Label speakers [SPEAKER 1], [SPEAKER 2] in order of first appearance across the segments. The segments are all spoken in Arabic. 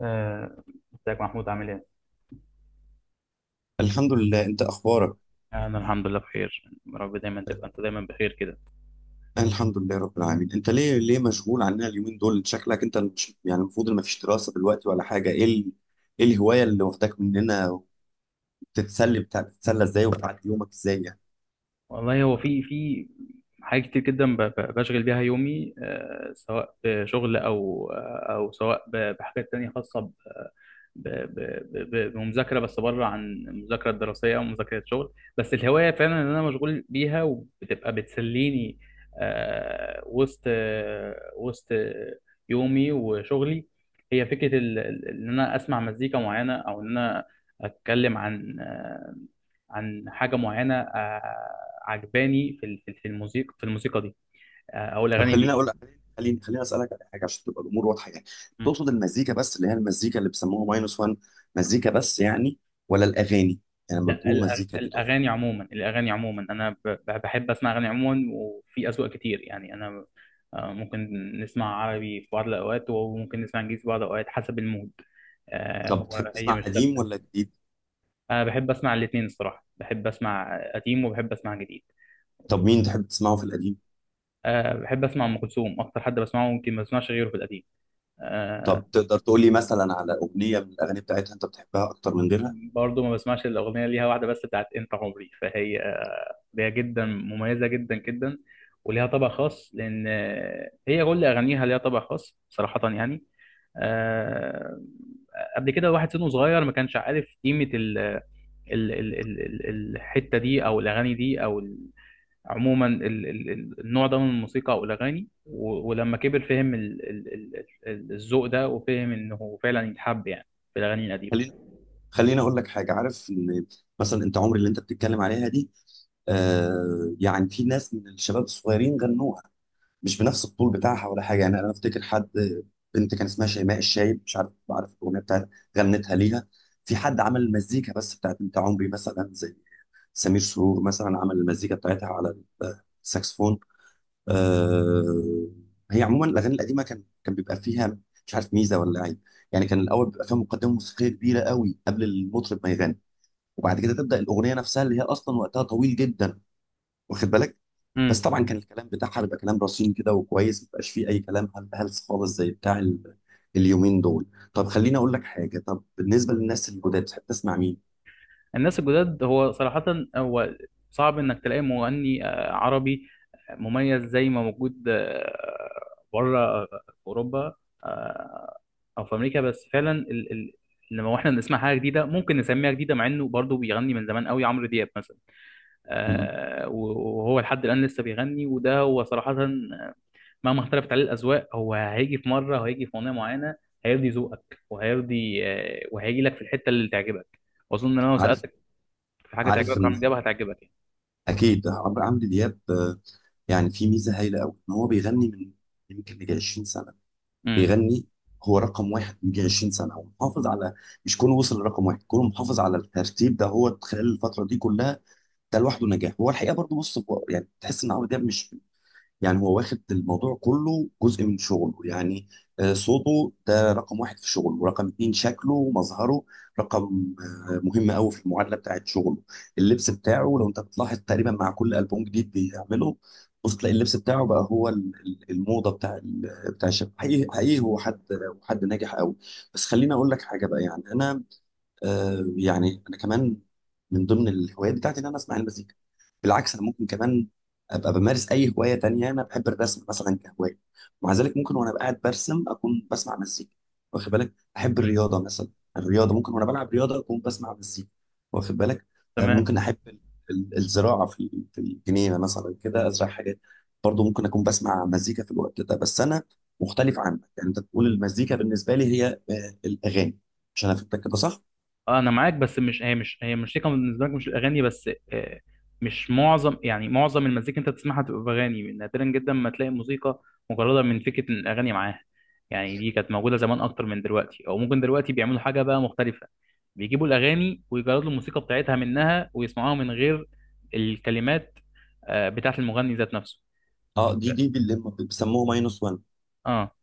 [SPEAKER 1] آه، ازيك محمود، عامل ايه؟
[SPEAKER 2] الحمد لله. انت اخبارك؟
[SPEAKER 1] انا الحمد لله بخير، يا رب دايما تبقى انت دايما بخير كده.
[SPEAKER 2] أنا الحمد لله رب العالمين. انت ليه مشغول عننا اليومين دول؟ شكلك انت مش يعني المفروض ان مفيش دراسة دلوقتي ولا حاجة. ايه الهواية اللي واخداك مننا؟ بتتسلى ازاي وبتعدي يومك ازاي يعني؟
[SPEAKER 1] والله، هو في حاجات كتير جدا بشغل بيها يومي، سواء بشغل او سواء بحاجات تانية خاصة بمذاكرة، بس بره عن المذاكرة الدراسية أو مذاكرة شغل، بس الهواية فعلا إن أنا مشغول بيها وبتبقى بتسليني وسط وسط يومي وشغلي. هي فكرة إن أنا أسمع مزيكا معينة أو إن أنا أتكلم عن عن حاجه معينه عجباني في الموسيقى في الموسيقى دي، او
[SPEAKER 2] طب
[SPEAKER 1] الاغاني
[SPEAKER 2] خليني
[SPEAKER 1] دي.
[SPEAKER 2] اقول لك، خليني اسالك على حاجة عشان تبقى الامور واضحة يعني.
[SPEAKER 1] مم.
[SPEAKER 2] تقصد المزيكا بس اللي هي المزيكا اللي بيسموها ماينس 1؟ مزيكا بس يعني، ولا الاغاني؟ يعني لما
[SPEAKER 1] لا،
[SPEAKER 2] بتقول مزيكا دي تقصد؟
[SPEAKER 1] الاغاني عموما، الاغاني عموما انا بحب اسمع اغاني عموما، وفي اذواق كتير يعني انا، ممكن نسمع عربي في بعض الاوقات، وممكن نسمع انجليزي في بعض الاوقات حسب المود.
[SPEAKER 2] طب
[SPEAKER 1] هو
[SPEAKER 2] بتحب
[SPEAKER 1] هي
[SPEAKER 2] تسمع
[SPEAKER 1] مش
[SPEAKER 2] قديم
[SPEAKER 1] ثابته.
[SPEAKER 2] ولا جديد؟
[SPEAKER 1] انا بحب اسمع الاثنين، الصراحه بحب اسمع قديم وبحب اسمع جديد.
[SPEAKER 2] طب مين تحب تسمعه في القديم؟
[SPEAKER 1] بحب اسمع ام كلثوم، اكتر حد بسمعه ممكن ما بسمعش غيره في القديم. آه،
[SPEAKER 2] طب تقدر تقول لي مثلا على اغنيه من الاغاني بتاعتها انت بتحبها اكتر من غيرها؟
[SPEAKER 1] برضه ما بسمعش الأغنية، ليها واحدة بس بتاعت أنت عمري، فهي أغنية جدا مميزة جدا جدا، وليها طبع خاص، لأن هي كل أغانيها ليها طبع خاص صراحة يعني. آه، قبل كده واحد سنه صغير ما كانش عارف قيمة ال ال ال ال الحتة دي، أو الأغاني دي، عموما النوع ده من الموسيقى أو الأغاني، ولما كبر فهم الذوق ده، وفهم إنه فعلا يتحب يعني، في الأغاني
[SPEAKER 2] خلينا
[SPEAKER 1] القديمة.
[SPEAKER 2] خلينا اقول لك حاجه، عارف ان مثلا انت عمري اللي انت بتتكلم عليها دي، آه يعني في ناس من الشباب الصغيرين غنوها، مش بنفس الطول بتاعها ولا حاجه، يعني انا افتكر حد، بنت كان اسمها شيماء الشايب، مش عارف، عارف الاغنيه بتاعتها، غنتها ليها. في حد عمل المزيكا بس بتاعت انت عمري مثلا زي سمير سرور مثلا، عمل المزيكا بتاعتها على الساكسفون. آه، هي عموما الاغاني القديمه كان بيبقى فيها، مش عارف، ميزه ولا عيب، يعني كان الاول بيبقى فيها مقدمه موسيقيه كبيره قوي قبل المطرب ما يغني، وبعد كده تبدا الاغنيه نفسها اللي هي اصلا وقتها طويل جدا، واخد بالك. بس طبعا كان الكلام بتاعها بيبقى كلام رصين كده وكويس، ما بيبقاش فيه اي كلام هلس خالص زي بتاع اليومين دول. طب خليني اقول لك حاجه، طب بالنسبه للناس الجداد تحب تسمع مين؟
[SPEAKER 1] الناس الجداد، هو صراحة هو صعب إنك تلاقي مغني عربي مميز زي ما موجود بره في أوروبا، آه، أو في أمريكا. بس فعلا لما احنا بنسمع حاجة جديدة ممكن نسميها جديدة، مع إنه برضه بيغني من زمان قوي، عمرو دياب مثلا،
[SPEAKER 2] م- م.
[SPEAKER 1] وهو لحد الآن لسه بيغني. وده هو صراحة مهما اختلفت عليه الأذواق، هو هيجي في مرة وهيجي في أغنية معينة هيرضي ذوقك، وهيرضي وهيجي لك في الحتة اللي تعجبك. وأظن إن أنا لو
[SPEAKER 2] عارف
[SPEAKER 1] سألتك في حاجه
[SPEAKER 2] عارف
[SPEAKER 1] تعجبك، عمرو
[SPEAKER 2] ان،
[SPEAKER 1] دياب هتعجبك يعني.
[SPEAKER 2] اكيد عمرو دياب، يعني في ميزه هايله قوي ان هو بيغني من يمكن يجي 20 سنه،
[SPEAKER 1] امم.
[SPEAKER 2] بيغني. هو رقم واحد من يجي 20 سنه ومحافظ على، مش كونه وصل لرقم واحد، كونه محافظ على الترتيب ده هو خلال الفتره دي كلها، ده لوحده نجاح. هو الحقيقه برضه بص، هو يعني تحس ان عمرو دياب مش يعني هو واخد الموضوع كله جزء من شغله يعني. صوته ده رقم واحد في شغله، ورقم اتنين شكله ومظهره رقم مهم قوي في المعادلة بتاعت شغله. اللبس بتاعه لو انت بتلاحظ تقريبا مع كل ألبوم جديد بيعمله، بص تلاقي اللبس بتاعه بقى هو الموضة بتاع بتاع الشباب، حقيقي حقيقي هو حد، هو حد ناجح قوي. بس خليني اقول لك حاجة بقى، يعني انا آه يعني انا كمان من ضمن الهوايات بتاعتي ان انا اسمع المزيكا، بالعكس انا ممكن كمان ابقى بمارس اي هوايه تانية، يعني انا بحب الرسم مثلا كهوايه، ومع ذلك ممكن وانا قاعد برسم اكون بسمع مزيكا، واخد بالك، احب الرياضه مثلا، الرياضه ممكن وانا بلعب رياضه اكون بسمع مزيكا، واخد بالك،
[SPEAKER 1] تمام.
[SPEAKER 2] ممكن احب الزراعه في الجنينه مثلا كده، ازرع حاجات، برضه ممكن اكون بسمع مزيكا في الوقت ده. بس انا مختلف عنك، يعني انت بتقول المزيكا بالنسبه لي هي الاغاني، عشان افهمك كده صح.
[SPEAKER 1] انا معاك، بس مش هي، مش هي الموسيقى بالنسبه لك مش الاغاني بس، مش معظم، يعني معظم المزيكا انت بتسمعها تبقى باغاني، نادرا جدا ما تلاقي موسيقى مجرده من فكره إن الاغاني معاها يعني. دي كانت موجوده زمان اكتر من دلوقتي، او ممكن دلوقتي بيعملوا حاجه بقى مختلفه، بيجيبوا الاغاني ويجردوا الموسيقى بتاعتها منها ويسمعوها من غير الكلمات بتاعت المغني ذات نفسه.
[SPEAKER 2] اه، دي اللي بيسموه ماينس 1،
[SPEAKER 1] اه.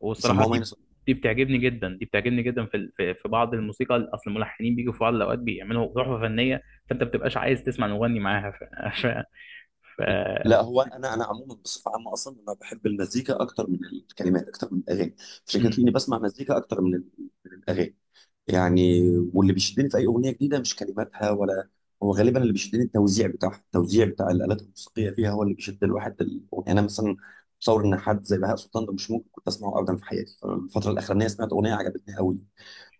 [SPEAKER 1] والصراحه،
[SPEAKER 2] بيسموه
[SPEAKER 1] دي
[SPEAKER 2] ماينس
[SPEAKER 1] دي بتعجبني جدا في ال- في في بعض الموسيقى، اصل الملحنين بيجوا في بعض الاوقات بيعملوا تحفه فنيه، فانت ما بتبقاش عايز تسمع المغني معاها ف... ف...
[SPEAKER 2] واحد. لا، هو انا انا عموما بصفه عامه اصلا انا بحب المزيكا اكتر من الكلمات اكتر من الاغاني، عشان كده
[SPEAKER 1] م-
[SPEAKER 2] تلاقيني بسمع مزيكا اكتر من من الاغاني يعني. واللي بيشدني في اي اغنيه جديده مش كلماتها ولا، هو غالبا اللي بيشدني التوزيع بتاعها، التوزيع بتاع الالات الموسيقيه فيها هو اللي بيشد الواحد الاغنيه. انا مثلا متصور ان حد زي بهاء سلطان ده مش ممكن كنت اسمعه ابدا في حياتي، الفتره الاخرانيه سمعت اغنيه عجبتني قوي،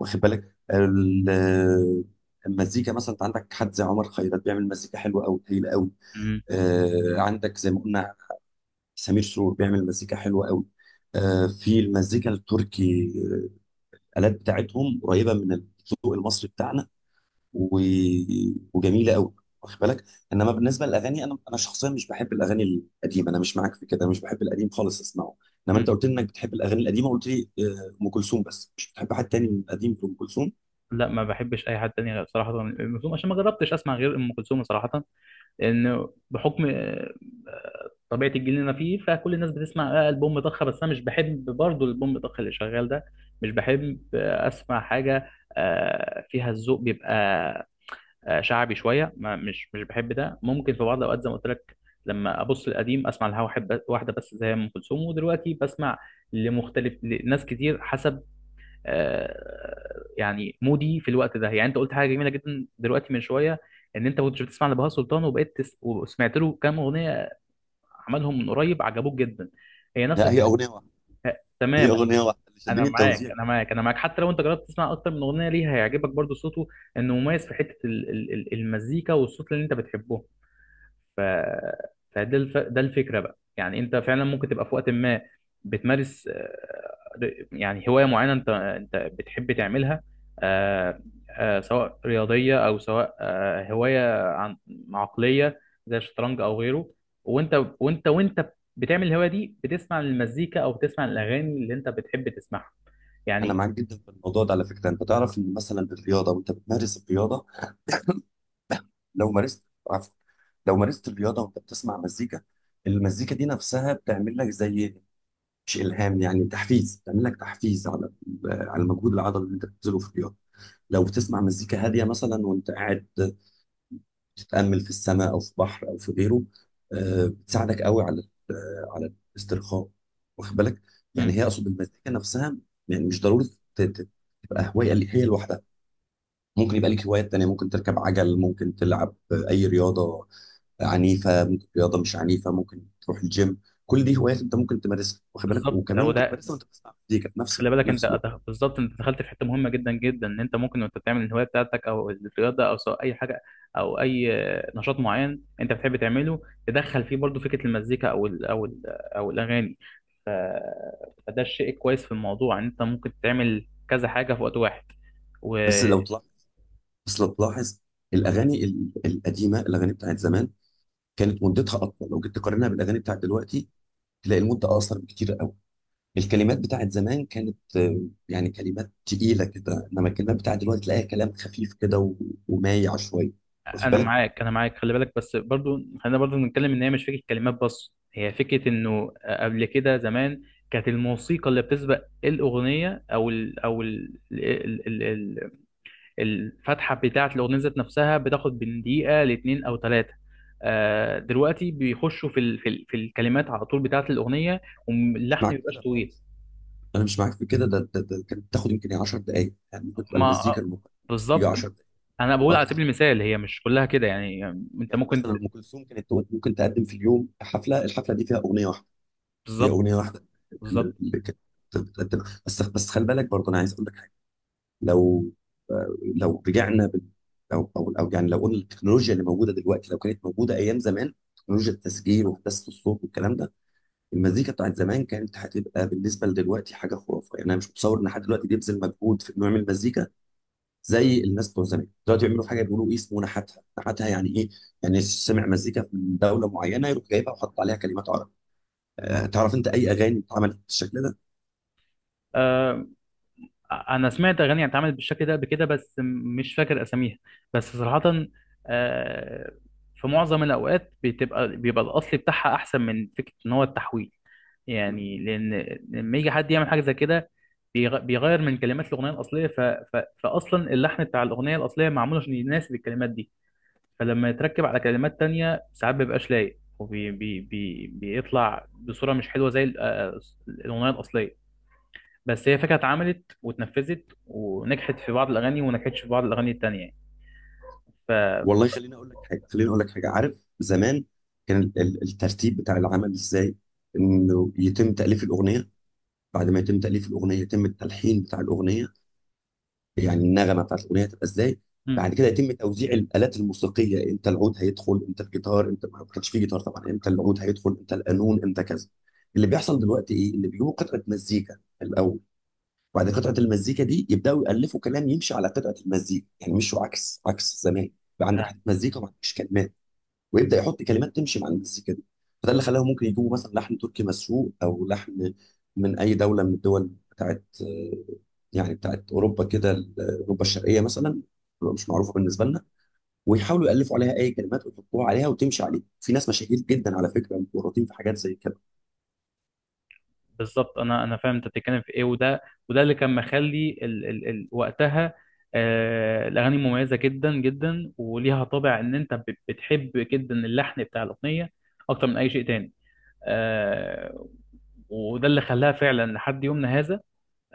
[SPEAKER 2] واخد بالك المزيكا. مثلا انت عندك حد زي عمر خيرت بيعمل مزيكا حلوه قوي، هايله قوي.
[SPEAKER 1] م-
[SPEAKER 2] عندك زي ما قلنا سمير سرور بيعمل مزيكا حلوة قوي. في المزيكا التركي الالات بتاعتهم قريبه من الذوق المصري بتاعنا، و... وجميله قوي، واخد بالك. انما بالنسبه للاغاني انا، انا شخصيا مش بحب الاغاني القديمه، انا مش معاك في كده، مش بحب القديم خالص اسمعه.
[SPEAKER 1] م.
[SPEAKER 2] انما انت قلت لي انك بتحب الاغاني القديمه، قلت لي ام كلثوم بس، مش بتحب حد تاني من القديم في ام كلثوم.
[SPEAKER 1] لا ما بحبش اي حد تاني غير صراحه ام كلثوم، عشان ما جربتش اسمع غير ام كلثوم صراحه، لان بحكم طبيعه الجيل اللي انا فيه، فكل الناس بتسمع البوم ضخ، بس انا مش بحب برضه البوم ضخ اللي شغال ده، مش بحب اسمع حاجه فيها الذوق بيبقى شعبي شويه. ما مش مش بحب ده. ممكن في بعض الاوقات زي ما قلت لك لما ابص القديم اسمع لها واحد واحده بس، زي ام كلثوم، ودلوقتي بسمع لمختلف لناس كتير، حسب يعني مودي في الوقت ده. يعني انت قلت حاجه جميله جدا دلوقتي من شويه، ان انت كنت بتسمع لبهاء سلطان وبقيت وسمعت له كام اغنيه عملهم من قريب عجبوك جدا، هي نفس
[SPEAKER 2] لا، هي
[SPEAKER 1] الفكره.
[SPEAKER 2] اغنيه واحده، هي
[SPEAKER 1] تماما.
[SPEAKER 2] اغنيه واحده اللي شدني التوزيع.
[SPEAKER 1] انا معاك، حتى لو انت جربت تسمع اكتر من اغنيه ليها هيعجبك برضو صوته، انه مميز في حته المزيكا والصوت اللي انت بتحبه. ف... ده الفكرة بقى يعني. انت فعلا ممكن تبقى في وقت ما بتمارس يعني هواية معينة انت بتحب تعملها، آه، سواء رياضية او سواء هواية عن عقلية زي الشطرنج او غيره، وانت وانت بتعمل الهواية دي بتسمع المزيكا او بتسمع الاغاني اللي انت بتحب تسمعها
[SPEAKER 2] انا
[SPEAKER 1] يعني.
[SPEAKER 2] معاك جدا في الموضوع ده على فكره. انت تعرف ان مثلا الرياضه وانت بتمارس الرياضه، لو مارست، عفوا، لو مارست الرياضه وانت بتسمع مزيكا، المزيكا دي نفسها بتعمل لك زي، مش الهام يعني، تحفيز، بتعمل لك تحفيز على على المجهود العضلي اللي انت بتبذله في الرياضه. لو بتسمع مزيكا هاديه مثلا وانت قاعد بتتامل في السماء او في بحر او في غيره، بتساعدك قوي على على الاسترخاء، واخد بالك. يعني
[SPEAKER 1] مم.
[SPEAKER 2] هي، اقصد المزيكا نفسها، يعني مش ضروري ت- ت- تبقى هوايه اللي هي لوحدها. ممكن يبقى لك هوايات تانيه، ممكن تركب عجل، ممكن تلعب اي رياضه عنيفه، ممكن رياضه مش عنيفه، ممكن تروح الجيم، كل دي هوايات انت ممكن تمارسها، واخد بالك،
[SPEAKER 1] بالظبط،
[SPEAKER 2] وكمان
[SPEAKER 1] هو
[SPEAKER 2] ممكن
[SPEAKER 1] ده.
[SPEAKER 2] تمارسها وانت بتسمع مزيكا في نفس
[SPEAKER 1] خلي
[SPEAKER 2] في
[SPEAKER 1] بالك، انت
[SPEAKER 2] نفس الوقت.
[SPEAKER 1] بالظبط انت دخلت في حته مهمه جدا جدا، ان انت ممكن وانت بتعمل الهوايه بتاعتك او الرياضه او سواء اي حاجه او اي نشاط معين انت بتحب تعمله، تدخل فيه برضو فكره المزيكا او الاغاني. ف- فده الشيء كويس في الموضوع، ان انت ممكن تعمل كذا حاجه في وقت واحد.
[SPEAKER 2] بس لو تلاحظ بس لو تلاحظ الاغاني القديمه، الاغاني بتاعت زمان كانت مدتها اطول، لو جيت تقارنها بالاغاني بتاعت دلوقتي تلاقي المده اقصر بكتير قوي. الكلمات بتاعت زمان كانت يعني كلمات تقيله كده، انما الكلمات بتاعت دلوقتي تلاقيها كلام خفيف كده ومايع شويه، واخد
[SPEAKER 1] انا
[SPEAKER 2] بالك.
[SPEAKER 1] معاك انا معاك خلي بالك، بس برضو خلينا برضو نتكلم ان هي مش فكره كلمات بس، هي فكره انه قبل كده زمان كانت الموسيقى اللي بتسبق الاغنيه او ال او ال ال ال ال الفتحه بتاعه الاغنيه ذات نفسها بتاخد من دقيقه لاتنين او ثلاثه. آه، دلوقتي بيخشوا في الكلمات على طول بتاعه الاغنيه،
[SPEAKER 2] مش
[SPEAKER 1] واللحن ما
[SPEAKER 2] معاك
[SPEAKER 1] بيبقاش
[SPEAKER 2] كده
[SPEAKER 1] طويل.
[SPEAKER 2] خالص، انا مش معاك في كده، ده كانت بتاخد يمكن 10 دقائق يعني، ممكن تبقى
[SPEAKER 1] ما
[SPEAKER 2] المزيكا
[SPEAKER 1] آه،
[SPEAKER 2] الممكن تيجي
[SPEAKER 1] بالظبط،
[SPEAKER 2] 10 دقائق
[SPEAKER 1] انا بقول على
[SPEAKER 2] واكتر.
[SPEAKER 1] سبيل المثال، هي مش كلها كده يعني، يعني انت
[SPEAKER 2] يعني
[SPEAKER 1] ممكن.
[SPEAKER 2] مثلا ام كلثوم كانت ممكن تقدم في اليوم حفله، الحفله دي فيها اغنيه واحده، هي
[SPEAKER 1] بالظبط.
[SPEAKER 2] اغنيه واحده اللي
[SPEAKER 1] بالظبط.
[SPEAKER 2] اللي كانت بتقدم بس. بس خلي بالك برضه انا عايز اقول لك حاجه، لو لو رجعنا او يعني لو قلنا التكنولوجيا اللي موجوده دلوقتي لو كانت موجوده ايام زمان، تكنولوجيا التسجيل وهندسه الصوت والكلام ده، المزيكا بتاعت زمان كانت هتبقى بالنسبه لدلوقتي حاجه خرافه. يعني انا مش متصور ان حد دلوقتي بيبذل مجهود في انه يعمل مزيكا زي الناس بتوع زمان. دلوقتي بيعملوا حاجه بيقولوا ايه اسمه، نحتها، نحتها يعني ايه، يعني سمع مزيكا من دوله معينه يروح جايبها وحط عليها كلمات عربي. أه تعرف انت اي اغاني اتعملت بالشكل ده؟
[SPEAKER 1] آه، انا سمعت اغاني اتعملت بالشكل ده قبل كده، بس مش فاكر اساميها، بس صراحة آه، في معظم الاوقات بيبقى الاصل بتاعها احسن من فكرة ان هو التحويل، يعني لان لما يجي حد يعمل حاجة زي كده بيغير من كلمات الاغنية الاصلية، فاصلا اللحن بتاع الاغنية الاصلية معمول عشان يناسب الكلمات دي، فلما يتركب على كلمات تانية ساعات مبيبقاش لايق، بيطلع بصورة مش حلوة زي الاغنية الاصلية، بس هي فكرة اتعملت واتنفذت، ونجحت في بعض الأغاني وما نجحتش في بعض الأغاني التانية يعني. ف...
[SPEAKER 2] والله
[SPEAKER 1] ف...
[SPEAKER 2] خليني اقول لك حاجه، خليني اقول لك حاجه، عارف زمان كان الترتيب بتاع العمل ازاي، انه يتم تاليف الاغنيه، بعد ما يتم تاليف الاغنيه يتم التلحين بتاع الاغنيه، يعني النغمه بتاعت الاغنيه هتبقى ازاي،
[SPEAKER 1] مم.
[SPEAKER 2] بعد كده يتم توزيع الالات الموسيقيه، امتى العود هيدخل، امتى الجيتار، امتى ما كانش فيه جيتار طبعا، امتى العود هيدخل، امتى القانون، امتى كذا. اللي بيحصل دلوقتي ايه؟ اللي بيجيبوا قطعه مزيكا الاول، وبعد قطعه المزيكا دي يبداوا يالفوا كلام يمشي على قطعه المزيكا، يعني مش عكس، عكس زمان. بقى عندك
[SPEAKER 1] آه،
[SPEAKER 2] حته مزيكا وما عندكش كلمات، ويبدا يحط كلمات تمشي مع المزيكا دي. فده اللي خلاهم ممكن يجيبوا مثلا لحن تركي مسروق، او لحن من اي دوله من الدول بتاعت يعني بتاعت اوروبا كده، اوروبا الشرقيه مثلا، بتبقى مش معروفه بالنسبه لنا، ويحاولوا يالفوا عليها اي كلمات ويحطوها عليها وتمشي عليها. في ناس مشاهير جدا على فكره متورطين في حاجات زي كده.
[SPEAKER 1] بالظبط، أنا فاهم أنت بتتكلم في إيه، وده اللي كان مخلي وقتها الأغاني مميزة جدا جدا، وليها طابع إن أنت بتحب جدا اللحن بتاع الأغنية أكتر من أي شيء تاني. آه... وده اللي خلاها فعلا لحد يومنا هذا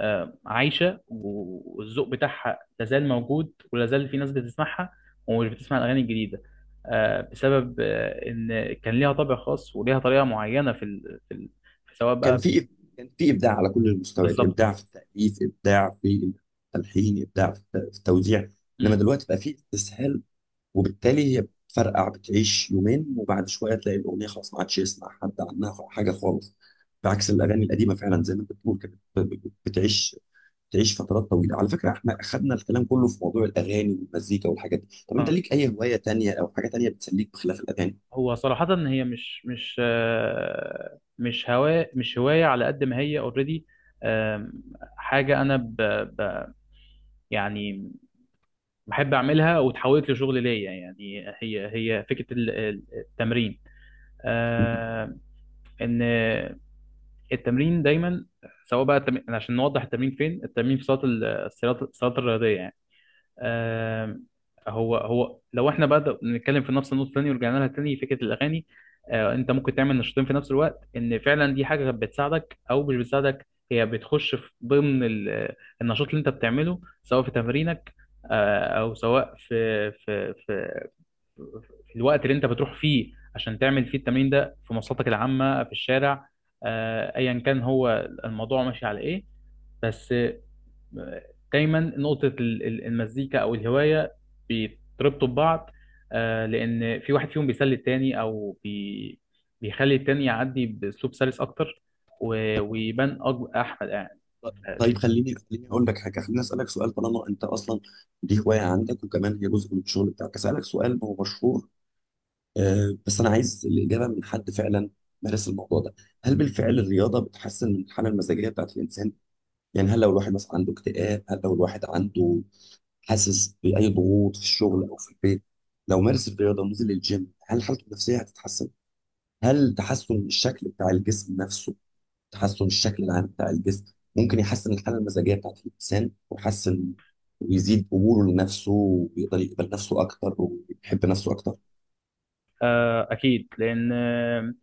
[SPEAKER 1] عايشه، والذوق بتاعها لازال موجود، ولازال في ناس بتسمعها ومش بتسمع الاغاني الجديده، بسبب ان كان ليها طابع خاص وليها طريقه معينه في سواء
[SPEAKER 2] كان
[SPEAKER 1] بقى.
[SPEAKER 2] في كان في ابداع على كل المستويات،
[SPEAKER 1] بالظبط.
[SPEAKER 2] ابداع في التاليف، ابداع في التلحين، ابداع في في التوزيع. انما
[SPEAKER 1] مم.
[SPEAKER 2] دلوقتي بقى في استسهال، وبالتالي هي بتفرقع بتعيش يومين وبعد شويه تلاقي الاغنيه خلاص ما عادش يسمع حد عنها حاجه خالص. بعكس الاغاني القديمه فعلا زي ما انت بتقول كده بتعيش فترات طويله على فكره. احنا اخذنا الكلام كله في موضوع الاغاني والمزيكا والحاجات دي، طب انت
[SPEAKER 1] اه،
[SPEAKER 2] ليك اي هوايه تانية او حاجه تانية بتسليك بخلاف الاغاني؟
[SPEAKER 1] هو صراحه هي مش هوايه على قد ما هي اوريدي، حاجه انا ب... يعني بحب اعملها وتحولت لشغل ليا. يعني هي هي فكره التمرين، آه، ان التمرين دايما، سواء بقى التمرين يعني عشان نوضح التمرين فين، التمرين في صالة الصالات الرياضية يعني. آم، هو لو احنا بقى نتكلم في نفس النقطة تاني ورجعنا لها تاني فكرة الأغاني، انت ممكن تعمل نشاطين في نفس الوقت، ان فعلا دي حاجة بتساعدك او مش بتساعدك، هي بتخش في ضمن النشاط اللي انت بتعمله، سواء في تمرينك او سواء في في الوقت اللي انت بتروح فيه عشان تعمل فيه التمرين ده، في مواصلاتك العامة في الشارع، ايا كان هو الموضوع ماشي على ايه، بس دايما نقطة المزيكا او الهواية بيتربطوا ببعض، لان في واحد فيهم بيسلي التاني، او بي بيخلي التاني يعدي باسلوب سلس اكتر، ويبان احمد يعني. آه،
[SPEAKER 2] طيب خليني اقول لك حاجه، خليني اسالك سؤال. طالما انت اصلا دي هوايه عندك وكمان هي جزء من الشغل بتاعك، اسالك سؤال هو مشهور، بس انا عايز الاجابه من حد فعلا مارس الموضوع ده. هل بالفعل الرياضه بتحسن من الحاله المزاجيه بتاعت الانسان؟ يعني هل لو الواحد مثلا عنده اكتئاب، هل لو الواحد عنده حاسس باي ضغوط في الشغل او في البيت، لو مارس الرياضه ونزل الجيم هل حالته النفسيه هتتحسن؟ هل تحسن الشكل بتاع الجسم نفسه، تحسن الشكل العام بتاع الجسم، ممكن يحسن الحاله المزاجيه بتاعت الانسان، ويحسن ويزيد قبوله لنفسه ويقدر يقبل نفسه اكتر ويحب نفسه اكتر؟
[SPEAKER 1] اكيد، لان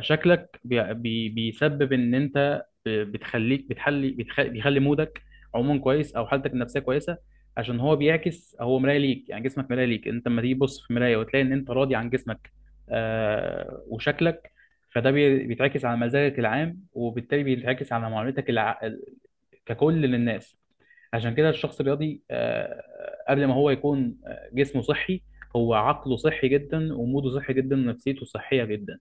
[SPEAKER 1] شكلك بي بي بيسبب ان انت بيخلي مودك عموما كويس، او حالتك النفسيه كويسه، عشان هو بيعكس، هو مرايه ليك، يعني جسمك مرايه ليك، انت لما تيجي تبص في مرايه وتلاقي ان انت راضي عن جسمك آه وشكلك، فده بيتعكس على مزاجك العام، وبالتالي بيتعكس على معاملتك ككل للناس. عشان كده الشخص الرياضي آه قبل ما هو يكون جسمه صحي، هو عقله صحي جدا، وموده صحي جدا، ونفسيته صحيه جدا.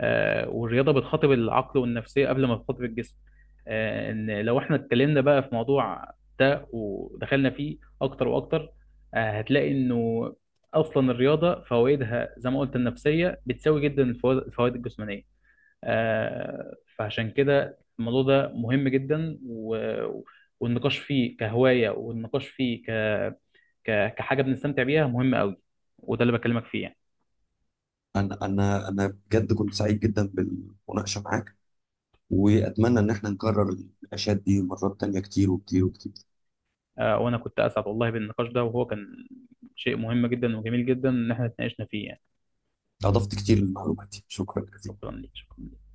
[SPEAKER 1] والرياضه بتخاطب العقل والنفسيه قبل ما تخاطب الجسم. ان لو احنا اتكلمنا بقى في موضوع ده ودخلنا فيه اكتر واكتر، هتلاقي انه اصلا الرياضه فوائدها زي ما قلت، النفسيه بتساوي جدا الفوائد الجسمانيه. فعشان كده الموضوع ده مهم جدا، والنقاش فيه كهوايه، والنقاش فيه كحاجه بنستمتع بيها، مهم قوي. وده اللي بكلمك فيه يعني.
[SPEAKER 2] انا بجد كنت سعيد جدا بالمناقشه معاك، واتمنى ان احنا نكرر النقاشات دي مرات تانية كتير وكتير وكتير.
[SPEAKER 1] وانا كنت اسعد والله بالنقاش ده، وهو كان شيء مهم جدا وجميل جدا ان احنا اتناقشنا فيه يعني.
[SPEAKER 2] اضفت كتير لمعلوماتي، شكرا جزيلا.
[SPEAKER 1] شكرا ليك، شكرا.